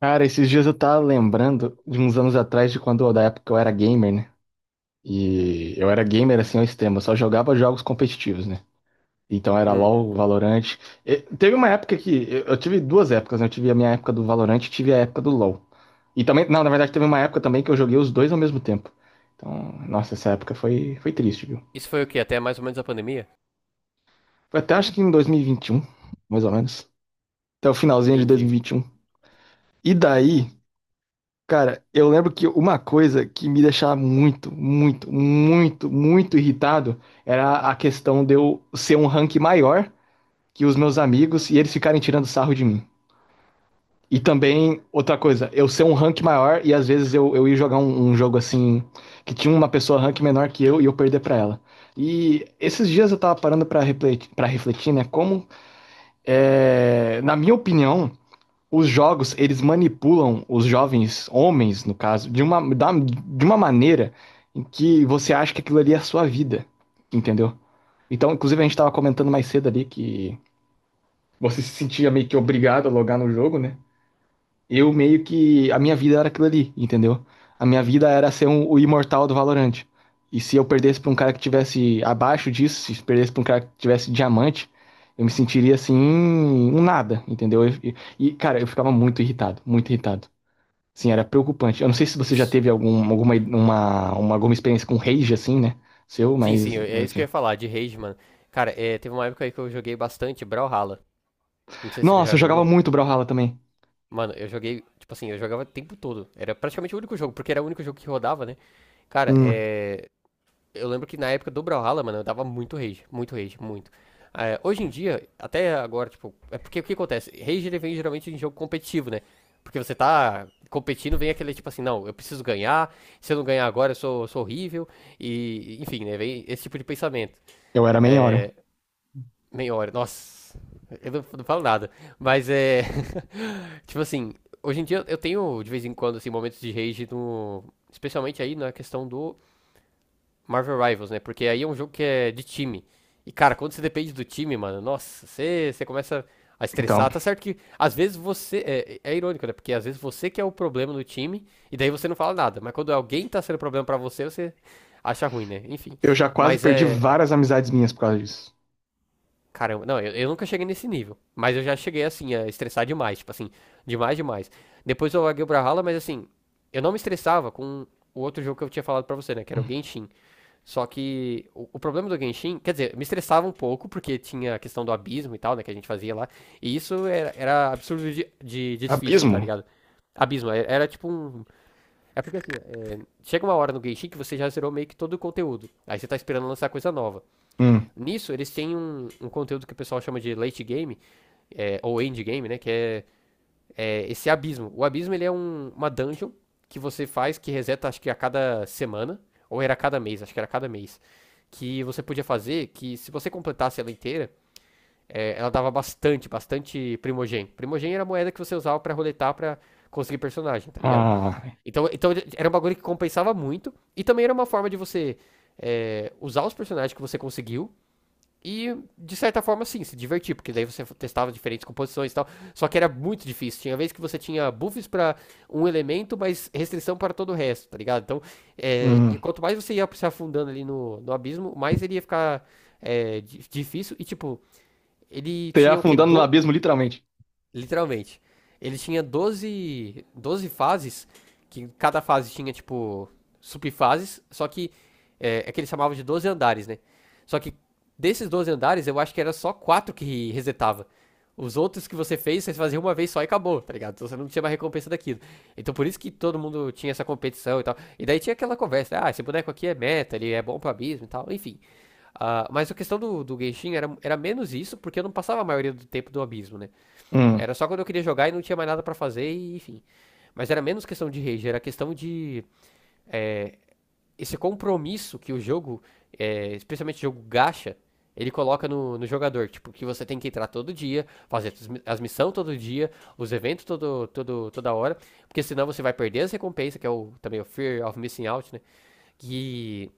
Cara, esses dias eu tava lembrando de uns anos atrás de quando, da época que eu era gamer, né? E eu era gamer assim ao extremo, eu só jogava jogos competitivos, né? Então era Hum. LoL, Valorant. E teve uma época que eu tive duas épocas, né? Eu tive a minha época do Valorant e tive a época do LoL. E também, não, na verdade teve uma época também que eu joguei os dois ao mesmo tempo. Então, nossa, essa época foi triste, viu? Isso foi o quê? Até mais ou menos a pandemia? Foi até acho que em 2021, mais ou menos. Até o finalzinho de Entendi. 2021. E vinte e um. E daí. Cara, eu lembro que uma coisa que me deixava muito, muito, muito, muito irritado era a questão de eu ser um rank maior que os meus amigos e eles ficarem tirando sarro de mim. E também, outra coisa, eu ser um rank maior e às vezes eu ia jogar um jogo assim, que tinha uma pessoa rank menor que eu e eu perder pra ela. E esses dias eu tava parando pra refletir, né? Como, na minha opinião, os jogos, eles manipulam os jovens homens, no caso, de uma maneira em que você acha que aquilo ali é a sua vida, entendeu? Então, inclusive, a gente tava comentando mais cedo ali que você se sentia meio que obrigado a logar no jogo, né? Eu meio que. A minha vida era aquilo ali, entendeu? A minha vida era ser o imortal do Valorant. E se eu perdesse pra um cara que tivesse abaixo disso, se perdesse pra um cara que tivesse diamante, eu me sentiria assim, um nada, entendeu? E, cara, eu ficava muito irritado, muito irritado. Assim, era preocupante. Eu não sei se você já Isso. teve alguma experiência com rage, assim, né? Seu, Sim, mas sim, é eu isso que eu tinha. ia falar, de rage, mano. Cara, teve uma época aí que eu joguei bastante Brawlhalla. Não sei se você Nossa, já eu jogava jogou. muito Brawlhalla também. Mano, eu joguei, tipo assim, eu jogava o tempo todo. Era praticamente o único jogo, porque era o único jogo que rodava, né? Cara, Hum. Eu lembro que na época do Brawlhalla, mano, eu dava muito rage, muito rage, muito. É, hoje em dia, até agora, tipo, é porque o que acontece? Rage ele vem geralmente em jogo competitivo, né? Porque você tá competindo, vem aquele tipo assim, não, eu preciso ganhar, se eu não ganhar agora eu sou horrível, e enfim, né? Vem esse tipo de pensamento. Eu era main Orion. É, meia hora, nossa, eu não falo nada, mas é. tipo assim, hoje em dia eu tenho de vez em quando, assim, momentos de rage no. Especialmente aí na questão do Marvel Rivals, né? Porque aí é um jogo que é de time. E, cara, quando você depende do time, mano, nossa, você começa a Então, estressar. Tá certo que às vezes você. É irônico, né? Porque às vezes você que é o problema no time, e daí você não fala nada. Mas quando alguém tá sendo problema pra você, você acha ruim, né? Enfim. eu já quase Mas perdi é. várias amizades minhas por causa disso. Caramba, não, eu nunca cheguei nesse nível. Mas eu já cheguei, assim, a estressar demais. Tipo assim, demais, demais. Depois eu larguei o Brawlhalla, mas assim, eu não me estressava com o outro jogo que eu tinha falado pra você, né? Que era o Genshin. Só que o problema do Genshin, quer dizer, me estressava um pouco, porque tinha a questão do abismo e tal, né, que a gente fazia lá. E isso era absurdo de difícil, tá Abismo? ligado? Abismo, era tipo um. É porque assim, chega uma hora no Genshin que você já zerou meio que todo o conteúdo. Aí você tá esperando lançar coisa nova. Hum. Nisso, eles têm um conteúdo que o pessoal chama de late game, ou end game, né? Que é esse abismo. O abismo ele é uma dungeon que você faz, que reseta acho que a cada semana, ou era a cada mês, acho que era a cada mês, que você podia fazer, que se você completasse ela inteira, ela dava bastante, bastante primogem. Primogem era a moeda que você usava pra roletar pra conseguir personagem, tá ligado? Ah. Então era um bagulho que compensava muito, e também era uma forma de você usar os personagens que você conseguiu e, de certa forma, sim, se divertir, porque daí você testava diferentes composições e tal. Só que era muito difícil. Tinha vez que você tinha buffs para um elemento, mas restrição para todo o resto, tá ligado? Então, e Hum. quanto mais você ia se afundando ali no abismo, mais ele ia ficar difícil. E, tipo, ele Teria tinha o quê? afundando no abismo, literalmente. Literalmente. Ele tinha doze fases, que cada fase tinha, tipo, subfases, só que é que ele chamava de 12 andares, né? Só que desses 12 andares, eu acho que era só quatro que resetava. Os outros que você fez, você fazia uma vez só e acabou, tá ligado? Então você não tinha mais recompensa daquilo. Então por isso que todo mundo tinha essa competição e tal. E daí tinha aquela conversa, ah, esse boneco aqui é meta, ele é bom pra abismo e tal, enfim. Ah, mas a questão do Genshin era menos isso, porque eu não passava a maioria do tempo do abismo, né? Hum. Era só quando eu queria jogar e não tinha mais nada pra fazer, e, enfim. Mas era menos questão de rage, era questão de esse compromisso que o jogo, especialmente o jogo gacha, ele coloca no jogador. Tipo, que você tem que entrar todo dia, fazer as missões todo dia, os eventos todo, todo, toda hora, porque senão você vai perder as recompensas, que é o, também o Fear of Missing Out, né? Que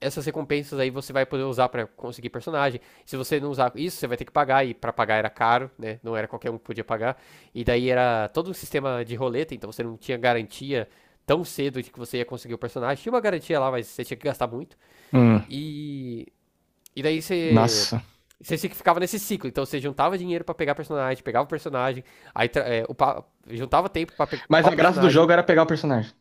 essas recompensas aí você vai poder usar para conseguir personagem. Se você não usar isso, você vai ter que pagar e para pagar era caro, né? Não era qualquer um que podia pagar. E daí era todo um sistema de roleta, então você não tinha garantia tão cedo de que você ia conseguir o personagem. Tinha uma garantia lá, mas você tinha que gastar muito. Hum. E e daí você Nossa. você ficava nesse ciclo, então você juntava dinheiro para pegar personagem, pegava o personagem, aí upa, juntava tempo para Mas upar o a graça do personagem. jogo era pegar o personagem.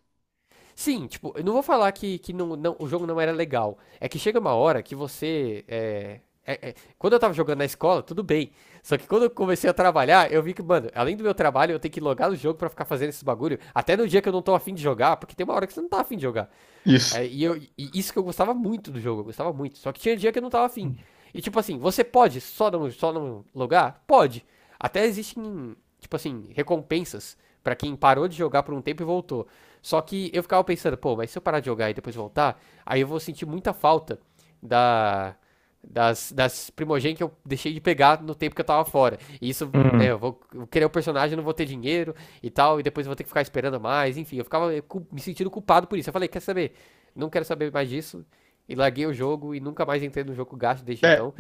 Sim, tipo, eu não vou falar que o jogo não era legal. É que chega uma hora que você. Quando eu tava jogando na escola, tudo bem. Só que quando eu comecei a trabalhar, eu vi que, mano, além do meu trabalho, eu tenho que logar no jogo pra ficar fazendo esses bagulho. Até no dia que eu não tô afim de jogar, porque tem uma hora que você não tá afim de jogar. Isso. E isso que eu gostava muito do jogo, eu gostava muito. Só que tinha dia que eu não tava afim. E tipo assim, você pode só não logar? Pode. Até existem, tipo assim, recompensas pra quem parou de jogar por um tempo e voltou. Só que eu ficava pensando, pô, mas se eu parar de jogar e depois voltar, aí eu vou sentir muita falta da. Das primogênitas que eu deixei de pegar no tempo que eu tava fora. E isso, né, Hum. Eu querer o personagem, não vou ter dinheiro e tal, e depois eu vou ter que ficar esperando mais, enfim, eu ficava me sentindo culpado por isso. Eu falei, quer saber? Não quero saber mais disso. E larguei o jogo e nunca mais entrei no jogo gasto desde É, então.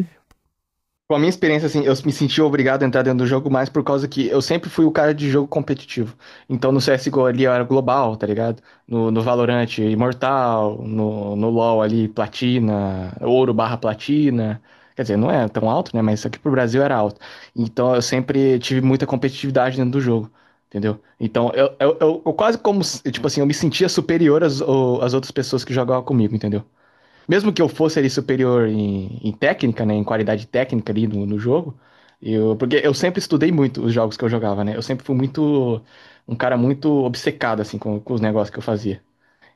com a minha experiência, assim, eu me senti obrigado a entrar dentro do jogo mais por causa que eu sempre fui o cara de jogo competitivo. Então no CSGO ali eu era global, tá ligado? No Valorant, Imortal, no LoL ali, Platina, Ouro barra Platina. Quer dizer, não é tão alto, né? Mas aqui pro Brasil era alto. Então eu sempre tive muita competitividade dentro do jogo, entendeu? Então eu quase como, tipo assim, eu me sentia superior às outras pessoas que jogavam comigo, entendeu? Mesmo que eu fosse ali superior em técnica, né? Em qualidade técnica ali no jogo. Eu, porque eu sempre estudei muito os jogos que eu jogava, né? Eu sempre fui muito. Um cara muito obcecado, assim, com os negócios que eu fazia.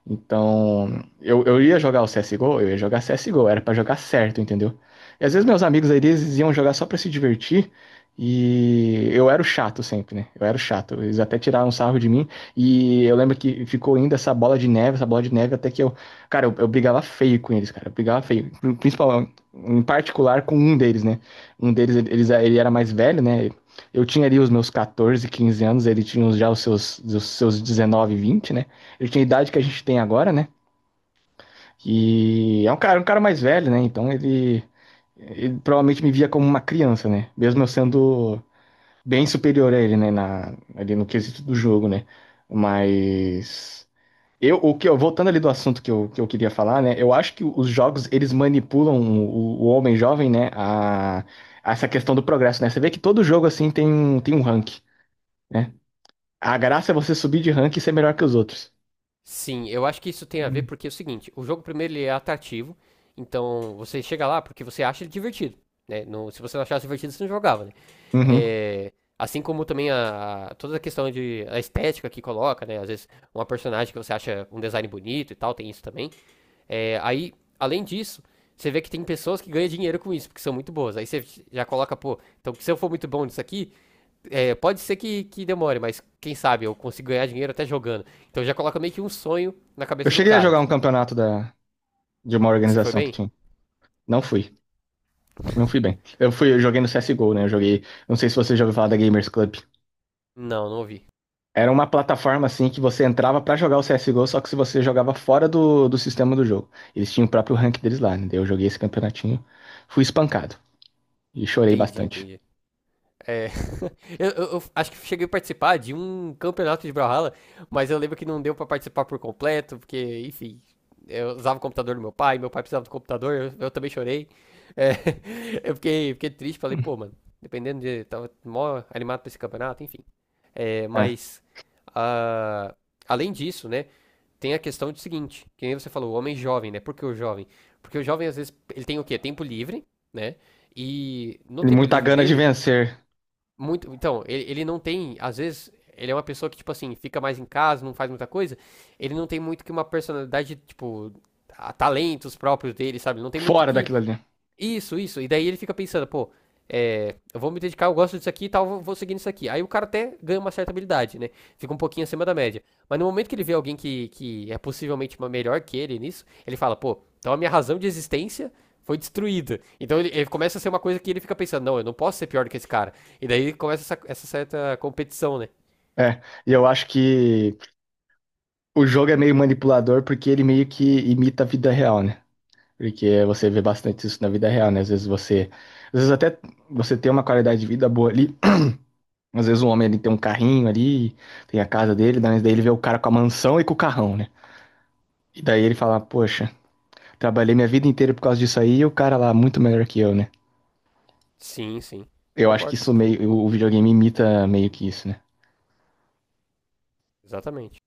Então, eu ia jogar o C S CSGO, eu ia jogar C S CSGO, era pra jogar certo, entendeu? E às vezes meus amigos aí, eles iam jogar só pra se divertir, e eu era o chato sempre, né? Eu era o chato, eles até tiraram um sarro de mim, e eu lembro que ficou ainda essa bola de neve, essa bola de neve, até que eu, cara, eu brigava feio com eles, cara, eu brigava feio, principalmente, em particular com um deles, né? Um deles, ele era mais velho, né? Eu tinha ali os meus 14, 15 anos, ele tinha já os seus 19, 20, né? Ele tinha a idade que a gente tem agora, né? E é um cara mais velho, né? Então ele provavelmente me via como uma criança, né? Mesmo eu sendo bem superior a ele, né? Na, ali no quesito do jogo, né? Mas o que eu voltando ali do assunto que eu queria falar, né? Eu acho que os jogos, eles manipulam o homem jovem, né? A essa questão do progresso, né? Você vê que todo jogo assim tem um rank, né? A graça é você subir de rank e ser melhor que os outros. Sim, eu acho que isso tem a ver Hum. porque é o seguinte, o jogo primeiro ele é atrativo, então você chega lá porque você acha ele divertido, né? Se você não achasse divertido, você não jogava, né? Uhum. É, assim como também a, toda a questão de a estética que coloca, né? Às vezes uma personagem que você acha um design bonito e tal, tem isso também. É, aí, além disso, você vê que tem pessoas que ganham dinheiro com isso, porque são muito boas. Aí você já coloca, pô, então se eu for muito bom nisso aqui, pode ser que demore, mas quem sabe eu consigo ganhar dinheiro até jogando. Então já coloca meio que um sonho na Eu cabeça do cheguei a cara. jogar um campeonato da, de uma E se foi organização que bem? tinha. Não fui. Não fui bem. Eu fui, eu joguei no CSGO, né? Eu joguei. Não sei se você já ouviu falar da Gamers Club. Não, não ouvi. Era uma plataforma assim que você entrava pra jogar o CSGO, só que se você jogava fora do sistema do jogo. Eles tinham o próprio rank deles lá, né? Daí eu joguei esse campeonatinho, fui espancado e chorei Entendi, bastante. entendi. É, eu acho que cheguei a participar de um campeonato de Brawlhalla, mas eu lembro que não deu pra participar por completo, porque, enfim, eu usava o computador do meu pai precisava do computador, eu também chorei. É, eu fiquei triste, falei, pô, mano, dependendo de. Tava mó animado pra esse campeonato, enfim. É, É. mas, ah, além disso, né? Tem a questão do seguinte, que nem você falou, o homem jovem, né? Por que o jovem? Porque o jovem, às vezes, ele tem o quê? Tempo livre, né? E no E tempo muita livre gana de dele, vencer muito. Então, ele não tem, às vezes, ele é uma pessoa que, tipo assim, fica mais em casa, não faz muita coisa. Ele não tem muito que uma personalidade, tipo, a talentos próprios dele, sabe? Não tem muito fora que daquilo ali. isso, isso. E daí ele fica pensando, pô, eu vou me dedicar, eu gosto disso aqui e tal, vou seguir nisso aqui. Aí o cara até ganha uma certa habilidade, né? Fica um pouquinho acima da média. Mas no momento que ele vê alguém que é possivelmente uma melhor que ele nisso, ele fala, pô, então a minha razão de existência foi destruída. Então ele começa a ser uma coisa que ele fica pensando, não, eu não posso ser pior do que esse cara. E daí começa essa certa competição, né? É, e eu acho que o jogo é meio manipulador porque ele meio que imita a vida real, né? Porque você vê bastante isso na vida real, né? Às vezes você. Às vezes até você tem uma qualidade de vida boa ali. Às vezes um homem, ele tem um carrinho ali, tem a casa dele, daí ele vê o cara com a mansão e com o carrão, né? E daí ele fala, poxa, trabalhei minha vida inteira por causa disso aí e o cara lá é muito melhor que eu, né? Sim, sim. Eu acho que Concordo. isso meio. O videogame imita meio que isso, né? Exatamente.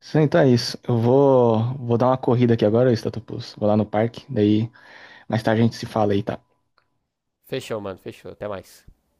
Sim, então é isso. Eu vou dar uma corrida aqui agora, Statopus. Vou lá no parque, daí mais tarde a gente se fala aí, tá? Fechou, mano. Fechou. Até mais.